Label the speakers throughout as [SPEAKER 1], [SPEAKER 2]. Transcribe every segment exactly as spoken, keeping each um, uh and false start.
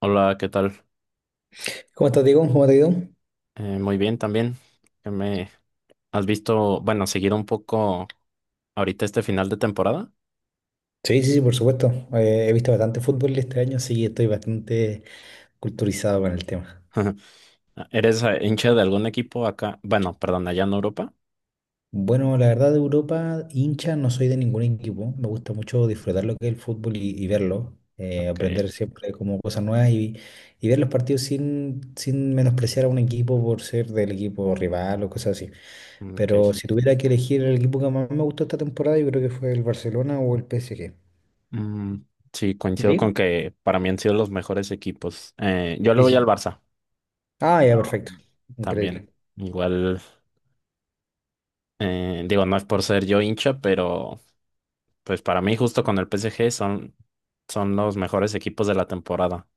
[SPEAKER 1] Hola, ¿qué tal?
[SPEAKER 2] ¿Cómo estás, Diego? ¿Cómo te ha ido?
[SPEAKER 1] Eh, muy bien también. ¿Qué me has visto, bueno, seguido un poco ahorita este final de temporada?
[SPEAKER 2] Sí, sí, sí, por supuesto. Eh, he visto bastante fútbol este año, así que estoy bastante culturizado con el tema.
[SPEAKER 1] ¿Eres eh, hincha de algún equipo acá? Bueno, perdón, allá en Europa.
[SPEAKER 2] Bueno, la verdad de Europa, hincha, no soy de ningún equipo. Me gusta mucho disfrutar lo que es el fútbol y, y verlo, eh,
[SPEAKER 1] Ok,
[SPEAKER 2] aprender siempre como cosas nuevas y, y ver los partidos sin, sin menospreciar a un equipo por ser del equipo rival o cosas así. Pero
[SPEAKER 1] ok.
[SPEAKER 2] si tuviera que elegir el equipo que más me gustó esta temporada, yo creo que fue el Barcelona o el P S G.
[SPEAKER 1] Mm, sí,
[SPEAKER 2] ¿Y a
[SPEAKER 1] coincido con
[SPEAKER 2] ti?
[SPEAKER 1] que para mí han sido los mejores equipos. Eh, yo le
[SPEAKER 2] Sí,
[SPEAKER 1] voy al
[SPEAKER 2] sí.
[SPEAKER 1] Barça,
[SPEAKER 2] Ah, ya,
[SPEAKER 1] pero
[SPEAKER 2] perfecto.
[SPEAKER 1] también
[SPEAKER 2] Increíble.
[SPEAKER 1] igual, eh, digo, no es por ser yo hincha, pero pues para mí justo con el P S G son, son los mejores equipos de la temporada.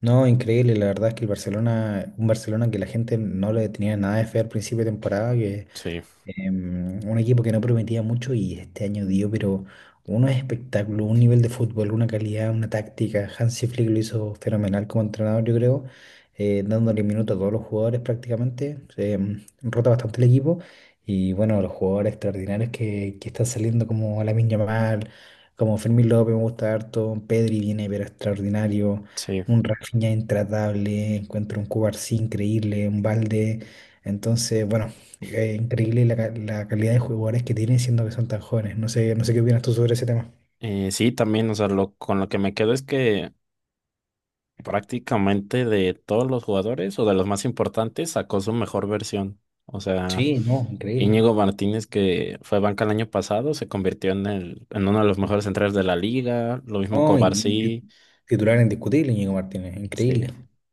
[SPEAKER 2] No, increíble, la verdad es que el Barcelona, un Barcelona que la gente no le tenía nada de fe al principio de temporada, que
[SPEAKER 1] Sí,
[SPEAKER 2] em, un equipo que no prometía mucho y este año dio, pero unos espectáculo un nivel de fútbol, una calidad, una táctica. Hansi Flick lo hizo fenomenal como entrenador, yo creo, eh, dándole minutos a todos los jugadores prácticamente. Em, rota bastante el equipo y bueno, los jugadores extraordinarios que, que están saliendo como Lamine Yamal, como Fermín López, me gusta harto, Pedri viene, pero extraordinario.
[SPEAKER 1] sí.
[SPEAKER 2] Un Rafinha intratable, encuentro un Cubarsí increíble, un Balde. Entonces, bueno. Eh, increíble la, ca- la calidad de jugadores que tienen siendo que son tan jóvenes. No sé, no sé qué opinas tú sobre ese tema.
[SPEAKER 1] Eh, sí, también, o sea, lo, con lo que me quedo es que prácticamente de todos los jugadores o de los más importantes sacó su mejor versión. O
[SPEAKER 2] Sí,
[SPEAKER 1] sea,
[SPEAKER 2] no, increíble.
[SPEAKER 1] Íñigo Martínez, que fue banca el año pasado, se convirtió en el, en uno de los mejores centrales de la liga. Lo mismo
[SPEAKER 2] No, in- in- ti-
[SPEAKER 1] Cobarsí,
[SPEAKER 2] titular indiscutible, Íñigo Martínez,
[SPEAKER 1] sí.
[SPEAKER 2] increíble.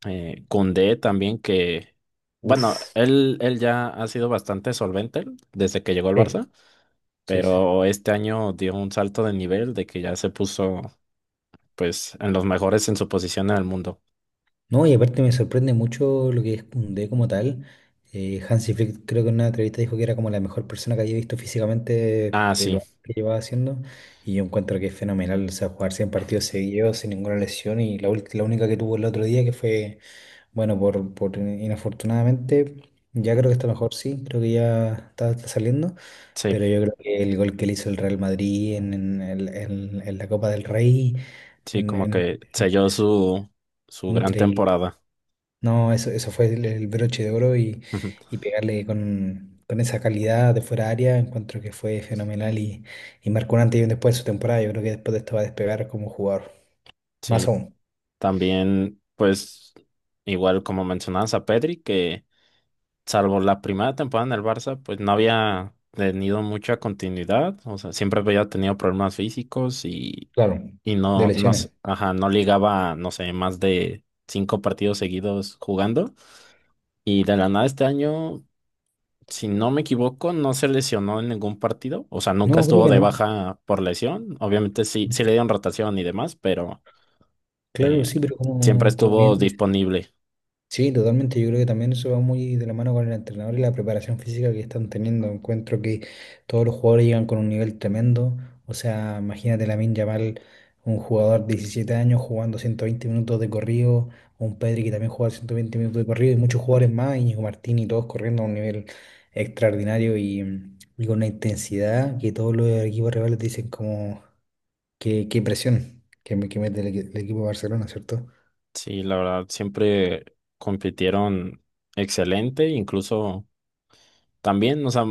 [SPEAKER 1] Eh, Koundé también, que, bueno,
[SPEAKER 2] Uf,
[SPEAKER 1] él, él ya ha sido bastante solvente desde que llegó al
[SPEAKER 2] sí,
[SPEAKER 1] Barça,
[SPEAKER 2] sí, sí.
[SPEAKER 1] pero este año dio un salto de nivel de que ya se puso pues en los mejores en su posición en el mundo.
[SPEAKER 2] No, y aparte me sorprende mucho lo que es Koundé como tal. Eh, Hansi Flick creo que en una entrevista dijo que era como la mejor persona que había visto físicamente
[SPEAKER 1] Ah,
[SPEAKER 2] de
[SPEAKER 1] sí,
[SPEAKER 2] lo que llevaba haciendo. Y yo encuentro que es fenomenal, o sea, jugar cien partidos seguidos sin ninguna lesión y la, ult- la única que tuvo el otro día que fue bueno, por, por inafortunadamente, ya creo que está mejor, sí, creo que ya está, está saliendo,
[SPEAKER 1] sí,
[SPEAKER 2] pero yo creo que el gol que le hizo el Real Madrid en, en el- en- en la Copa del Rey,
[SPEAKER 1] sí,
[SPEAKER 2] en,
[SPEAKER 1] como
[SPEAKER 2] en-
[SPEAKER 1] que selló su, su gran
[SPEAKER 2] increíble.
[SPEAKER 1] temporada.
[SPEAKER 2] No, eso, eso fue el, el broche de oro y,
[SPEAKER 1] Ujú.
[SPEAKER 2] y pegarle con, con esa calidad de fuera de área, encuentro que fue fenomenal y, y marcó un antes y un después de su temporada. Yo creo que después de esto va a despegar como jugador, más
[SPEAKER 1] Sí,
[SPEAKER 2] aún,
[SPEAKER 1] también, pues, igual como mencionabas a Pedri, que salvo la primera temporada en el Barça, pues no había tenido mucha continuidad, o sea, siempre había tenido problemas físicos y,
[SPEAKER 2] claro,
[SPEAKER 1] y
[SPEAKER 2] de
[SPEAKER 1] no, no, s-
[SPEAKER 2] lesiones.
[SPEAKER 1] ajá, no ligaba, no sé, más de cinco partidos seguidos jugando. Y de la nada este año, si no me equivoco, no se lesionó en ningún partido. O sea, nunca
[SPEAKER 2] No, creo
[SPEAKER 1] estuvo
[SPEAKER 2] que
[SPEAKER 1] de
[SPEAKER 2] no.
[SPEAKER 1] baja por lesión. Obviamente sí, sí le dieron rotación y demás, pero
[SPEAKER 2] Claro,
[SPEAKER 1] eh,
[SPEAKER 2] sí, pero
[SPEAKER 1] siempre
[SPEAKER 2] como, como
[SPEAKER 1] estuvo
[SPEAKER 2] bien dice.
[SPEAKER 1] disponible.
[SPEAKER 2] Sí, totalmente. Yo creo que también eso va muy de la mano con el entrenador y la preparación física que están teniendo. Encuentro que todos los jugadores llegan con un nivel tremendo. O sea, imagínate Lamine Yamal, un jugador de diecisiete años jugando ciento veinte minutos de corrido, un Pedri que también juega ciento veinte minutos de corrido y muchos jugadores más, Íñigo Martín y todos corriendo a un nivel extraordinario y, y con una intensidad que todos los equipos rivales dicen como qué, qué presión que, me- que mete el, equi- el equipo de Barcelona, ¿cierto?
[SPEAKER 1] Sí, la verdad, siempre compitieron excelente. Incluso también, o sea,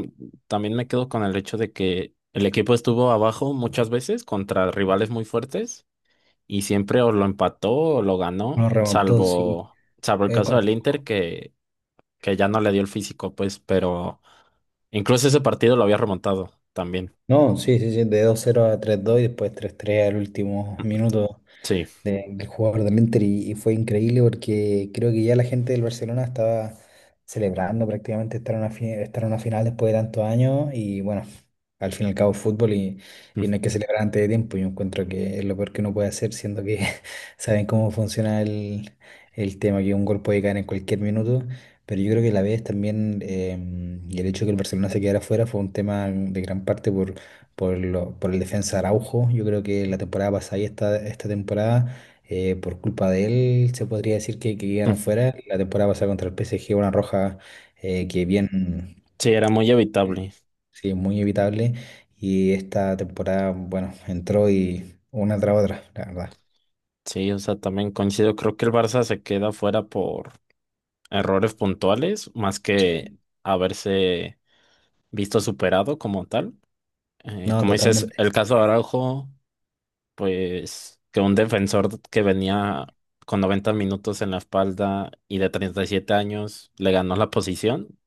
[SPEAKER 1] también me quedo con el hecho de que el equipo estuvo abajo muchas veces contra rivales muy fuertes y siempre o lo empató o lo ganó,
[SPEAKER 2] Nos remontó, sí.
[SPEAKER 1] salvo, salvo el
[SPEAKER 2] Eh,
[SPEAKER 1] caso del
[SPEAKER 2] con-
[SPEAKER 1] Inter, que que ya no le dio el físico, pues, pero incluso ese partido lo había remontado también.
[SPEAKER 2] No, sí, sí, sí, de dos cero a tres dos y después tres tres al último minuto
[SPEAKER 1] Sí,
[SPEAKER 2] de- del jugador de Inter y, y fue increíble porque creo que ya la gente del Barcelona estaba celebrando prácticamente estar en una, fi- estar en una final después de tantos años y bueno, al fin y al cabo es fútbol y, y no hay que celebrar antes de tiempo. Yo encuentro que es lo peor que uno puede hacer, siendo que saben cómo funciona el, el tema, que un gol puede caer en cualquier minuto. Pero yo creo que la vez también, em, y el hecho de que el Barcelona se quedara fuera fue un tema de gran parte por, por, lo- por el defensa Araujo. Yo creo que la temporada pasada y esta, esta temporada eh, por culpa de él, se podría decir que, que quedaron fuera. La temporada pasada contra el P S G, una roja eh, que bien,
[SPEAKER 1] sí, era muy
[SPEAKER 2] eh,
[SPEAKER 1] evitable.
[SPEAKER 2] sí, muy evitable. Y esta temporada, bueno, entró y una tras otra, la verdad.
[SPEAKER 1] Sí, o sea, también coincido. Creo que el Barça se queda fuera por errores puntuales, más que
[SPEAKER 2] Sí,
[SPEAKER 1] haberse visto superado como tal. Eh,
[SPEAKER 2] no,
[SPEAKER 1] como dices,
[SPEAKER 2] totalmente.
[SPEAKER 1] el caso de Araujo, pues que un defensor que venía con noventa minutos en la espalda y de treinta y siete años le ganó la posición.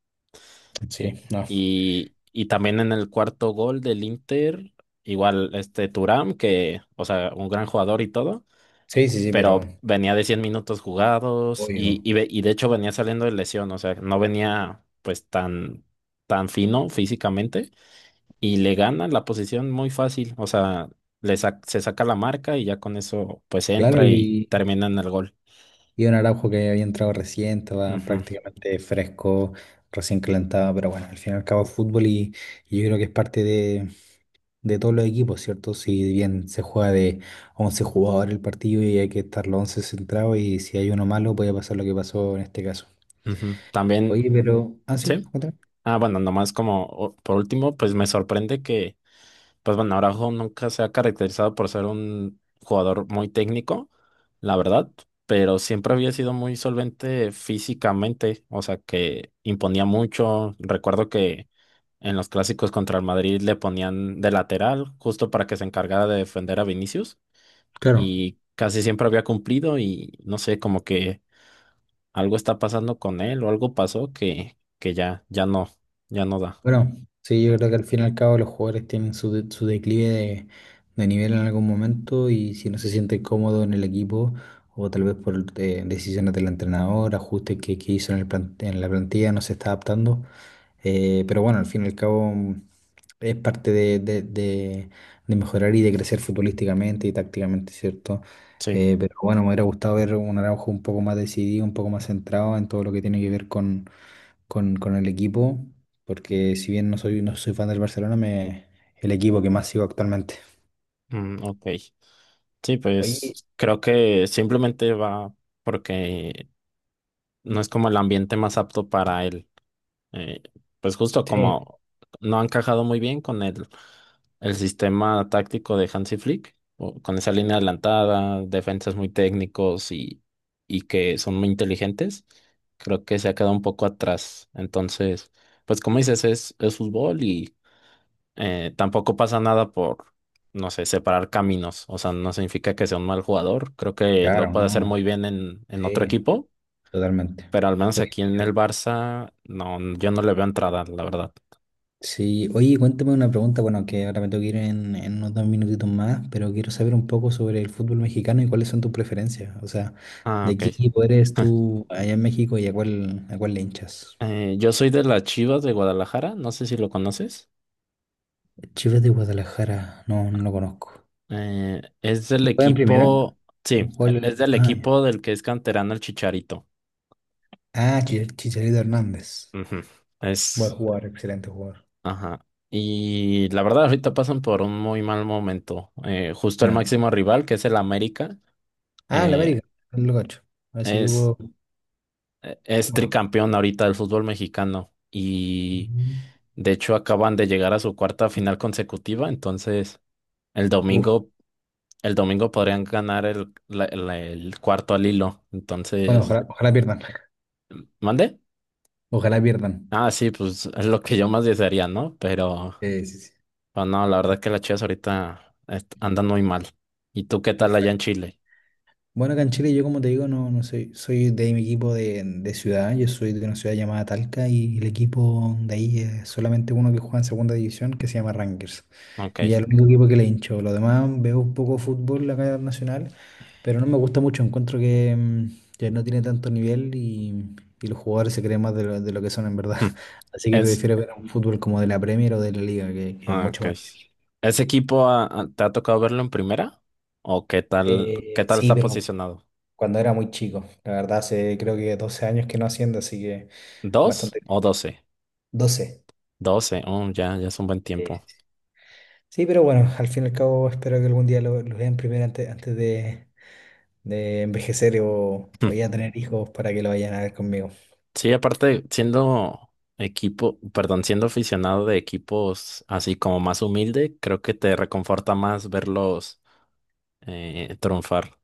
[SPEAKER 1] Eh,
[SPEAKER 2] Sí, no.
[SPEAKER 1] Y, y también en el cuarto gol del Inter, igual este Thuram, que, o sea, un gran jugador y todo,
[SPEAKER 2] Sí, sí, sí,
[SPEAKER 1] pero
[SPEAKER 2] pero
[SPEAKER 1] venía de cien minutos jugados
[SPEAKER 2] obvio.
[SPEAKER 1] y, y, ve- y de hecho venía saliendo de lesión, o sea, no venía pues tan, tan fino físicamente y le gana la posición muy fácil, o sea, le sac- se saca la marca y ya con eso pues
[SPEAKER 2] Claro,
[SPEAKER 1] entra y
[SPEAKER 2] y,
[SPEAKER 1] termina en el gol.
[SPEAKER 2] y un Araujo que había entrado recién, estaba
[SPEAKER 1] Ujú,
[SPEAKER 2] prácticamente fresco, recién calentado, pero bueno, al fin y al cabo es fútbol y, y yo creo que es parte de, de todos los equipos, ¿cierto? Si bien se juega de once jugadores el partido y hay que estar los once centrados y si hay uno malo puede pasar lo que pasó en este caso.
[SPEAKER 1] ujú. También,
[SPEAKER 2] Oye, pero... Ah, sí,
[SPEAKER 1] sí.
[SPEAKER 2] otra.
[SPEAKER 1] Ah, bueno, nomás como o- por último, pues me sorprende que... Pues bueno, Araujo nunca se ha caracterizado por ser un jugador muy técnico, la verdad, pero siempre había sido muy solvente físicamente, o sea que imponía mucho. Recuerdo que en los clásicos contra el Madrid le ponían de lateral justo para que se encargara de defender a Vinicius
[SPEAKER 2] Claro,
[SPEAKER 1] y casi siempre había cumplido y no sé, como que algo está pasando con él o algo pasó que, que ya, ya no, ya no da.
[SPEAKER 2] bueno, sí, yo creo que al fin y al cabo los jugadores tienen su, de- su declive de, de nivel en algún momento y si no se siente cómodo en el equipo o tal vez por eh, decisiones del entrenador, ajustes que, que hizo en el plan- en la plantilla, no se está adaptando. Eh, pero bueno, al fin y al cabo mm, es parte de, de- de- de mejorar y de crecer futbolísticamente y tácticamente, ¿cierto?
[SPEAKER 1] Sí,
[SPEAKER 2] Eh, pero bueno, me hubiera gustado ver un Araujo un poco más decidido, un poco más centrado en todo lo que tiene que ver con, con, con el equipo porque si bien no soy, no soy fan del Barcelona, me, el equipo que más sigo actualmente.
[SPEAKER 1] mm, ok. Sí,
[SPEAKER 2] Oye,
[SPEAKER 1] pues creo que simplemente va porque no es como el ambiente más apto para él. Eh, pues justo
[SPEAKER 2] sí,
[SPEAKER 1] como no ha encajado muy bien con el, el sistema táctico de Hansi Flick, o con esa línea adelantada, defensas muy técnicos y, y que son muy inteligentes, creo que se ha quedado un poco atrás. Entonces, pues como dices, es, es fútbol. Eh, tampoco pasa nada por, no sé, separar caminos. O sea, no significa que sea un mal jugador. Creo que lo
[SPEAKER 2] claro,
[SPEAKER 1] puede hacer muy
[SPEAKER 2] no,
[SPEAKER 1] bien en, en otro
[SPEAKER 2] sí,
[SPEAKER 1] equipo,
[SPEAKER 2] totalmente.
[SPEAKER 1] pero al menos
[SPEAKER 2] Oye,
[SPEAKER 1] aquí en el Barça, no, yo no le veo entrada, la verdad.
[SPEAKER 2] sí, oye, cuéntame una pregunta, bueno, que ahora me tengo que ir en, en unos dos minutitos más, pero quiero saber un poco sobre el fútbol mexicano y cuáles son tus preferencias, o sea,
[SPEAKER 1] Ah,
[SPEAKER 2] ¿de
[SPEAKER 1] ok.
[SPEAKER 2] qué equipo eres tú allá en México y a cuál, a cuál le hinchas?
[SPEAKER 1] Eh, yo soy de las Chivas de Guadalajara, no sé si lo conoces.
[SPEAKER 2] Chivas de Guadalajara, no, no lo conozco.
[SPEAKER 1] Eh, es del
[SPEAKER 2] ¿Juega en primera?
[SPEAKER 1] equipo, sí, e-
[SPEAKER 2] ¿Juega el-
[SPEAKER 1] es del
[SPEAKER 2] Ah,
[SPEAKER 1] equipo del que es canterano el Chicharito.
[SPEAKER 2] ah, Chi- Chicharito Hernández.
[SPEAKER 1] Ujú.
[SPEAKER 2] Buen
[SPEAKER 1] Es,
[SPEAKER 2] jugador, excelente jugador.
[SPEAKER 1] Ajá. Y la verdad, ahorita pasan por un muy mal momento. Eh, justo el
[SPEAKER 2] Ya.
[SPEAKER 1] máximo rival, que es el América,
[SPEAKER 2] Ah, el
[SPEAKER 1] eh,
[SPEAKER 2] América, el Locacho. A ese
[SPEAKER 1] es,
[SPEAKER 2] equipo,
[SPEAKER 1] eh, es
[SPEAKER 2] bueno.
[SPEAKER 1] tricampeón ahorita del fútbol mexicano. Y de hecho acaban de llegar a su cuarta final consecutiva. Entonces, el
[SPEAKER 2] Uf,
[SPEAKER 1] domingo, el domingo podrían ganar el, la- la- el cuarto al hilo.
[SPEAKER 2] bueno,
[SPEAKER 1] Entonces,
[SPEAKER 2] ojalá, ojalá pierdan.
[SPEAKER 1] ¿mande?
[SPEAKER 2] Ojalá pierdan.
[SPEAKER 1] Ah, sí, pues es lo que yo más desearía, ¿no? Pero,
[SPEAKER 2] Sí, sí, sí.
[SPEAKER 1] pero no, la verdad que las Chivas ahorita est- andan muy mal. ¿Y tú qué tal allá en
[SPEAKER 2] Perfecto.
[SPEAKER 1] Chile?
[SPEAKER 2] Bueno, acá en Chile yo como te digo, no, no soy, soy de mi equipo de, de ciudad, yo soy de una ciudad llamada Talca y el equipo de ahí es solamente uno que juega en segunda división que se llama Rangers.
[SPEAKER 1] Ok.
[SPEAKER 2] Y es el único equipo que le hincho. Lo demás veo un poco fútbol acá nacional. Pero no me gusta mucho, encuentro que, mm, que no tiene tanto nivel y, y los jugadores se creen más de lo, de lo que son en verdad. Así que
[SPEAKER 1] Es,
[SPEAKER 2] prefiero ver un fútbol como de la Premier o de la Liga, que, que es
[SPEAKER 1] ah,
[SPEAKER 2] mucho
[SPEAKER 1] ok.
[SPEAKER 2] más.
[SPEAKER 1] ¿Ese equipo ah, ah, te ha tocado verlo en primera? ¿O qué tal, qué
[SPEAKER 2] Eh,
[SPEAKER 1] tal
[SPEAKER 2] sí,
[SPEAKER 1] está
[SPEAKER 2] pero
[SPEAKER 1] posicionado?
[SPEAKER 2] cuando era muy chico, la verdad, hace creo que doce años que no haciendo, así que
[SPEAKER 1] ¿Dos
[SPEAKER 2] bastante.
[SPEAKER 1] o doce?
[SPEAKER 2] Doce.
[SPEAKER 1] Doce, oh, ya, ya es un buen
[SPEAKER 2] Sí, sí,
[SPEAKER 1] tiempo.
[SPEAKER 2] sí. Sí, pero bueno, al fin y al cabo espero que algún día lo, lo vean primero antes, antes de, de envejecer o, o ya tener hijos para que lo vayan a ver conmigo.
[SPEAKER 1] Sí, aparte, siendo equipo, perdón, siendo aficionado de equipos así como más humilde, creo que te reconforta más verlos eh, triunfar.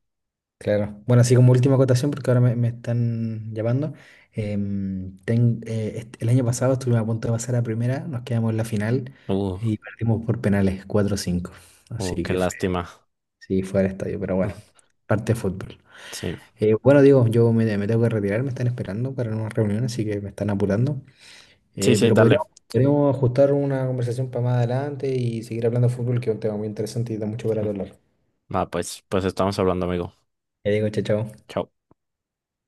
[SPEAKER 2] Claro. Bueno, así como última acotación, porque ahora me, me están llamando. Em, ten- eh, est- el año pasado estuvimos a punto de pasar a primera, nos quedamos en la final
[SPEAKER 1] Uh,
[SPEAKER 2] y perdimos por penales cuatro cinco,
[SPEAKER 1] uh,
[SPEAKER 2] así
[SPEAKER 1] qué
[SPEAKER 2] que fue,
[SPEAKER 1] lástima.
[SPEAKER 2] sí, fue al estadio, pero bueno, parte de fútbol.
[SPEAKER 1] Sí,
[SPEAKER 2] Eh, bueno, digo, yo me, me tengo que retirar, me están esperando para una reunión, así que me están apurando.
[SPEAKER 1] sí,
[SPEAKER 2] Eh,
[SPEAKER 1] sí,
[SPEAKER 2] pero
[SPEAKER 1] dale.
[SPEAKER 2] podríamos, podríamos ajustar una conversación para más adelante y seguir hablando de fútbol, que es un tema muy interesante y da mucho para hablar.
[SPEAKER 1] Va, pues, pues estamos hablando, amigo.
[SPEAKER 2] Ya digo, chao, chao.
[SPEAKER 1] Chao.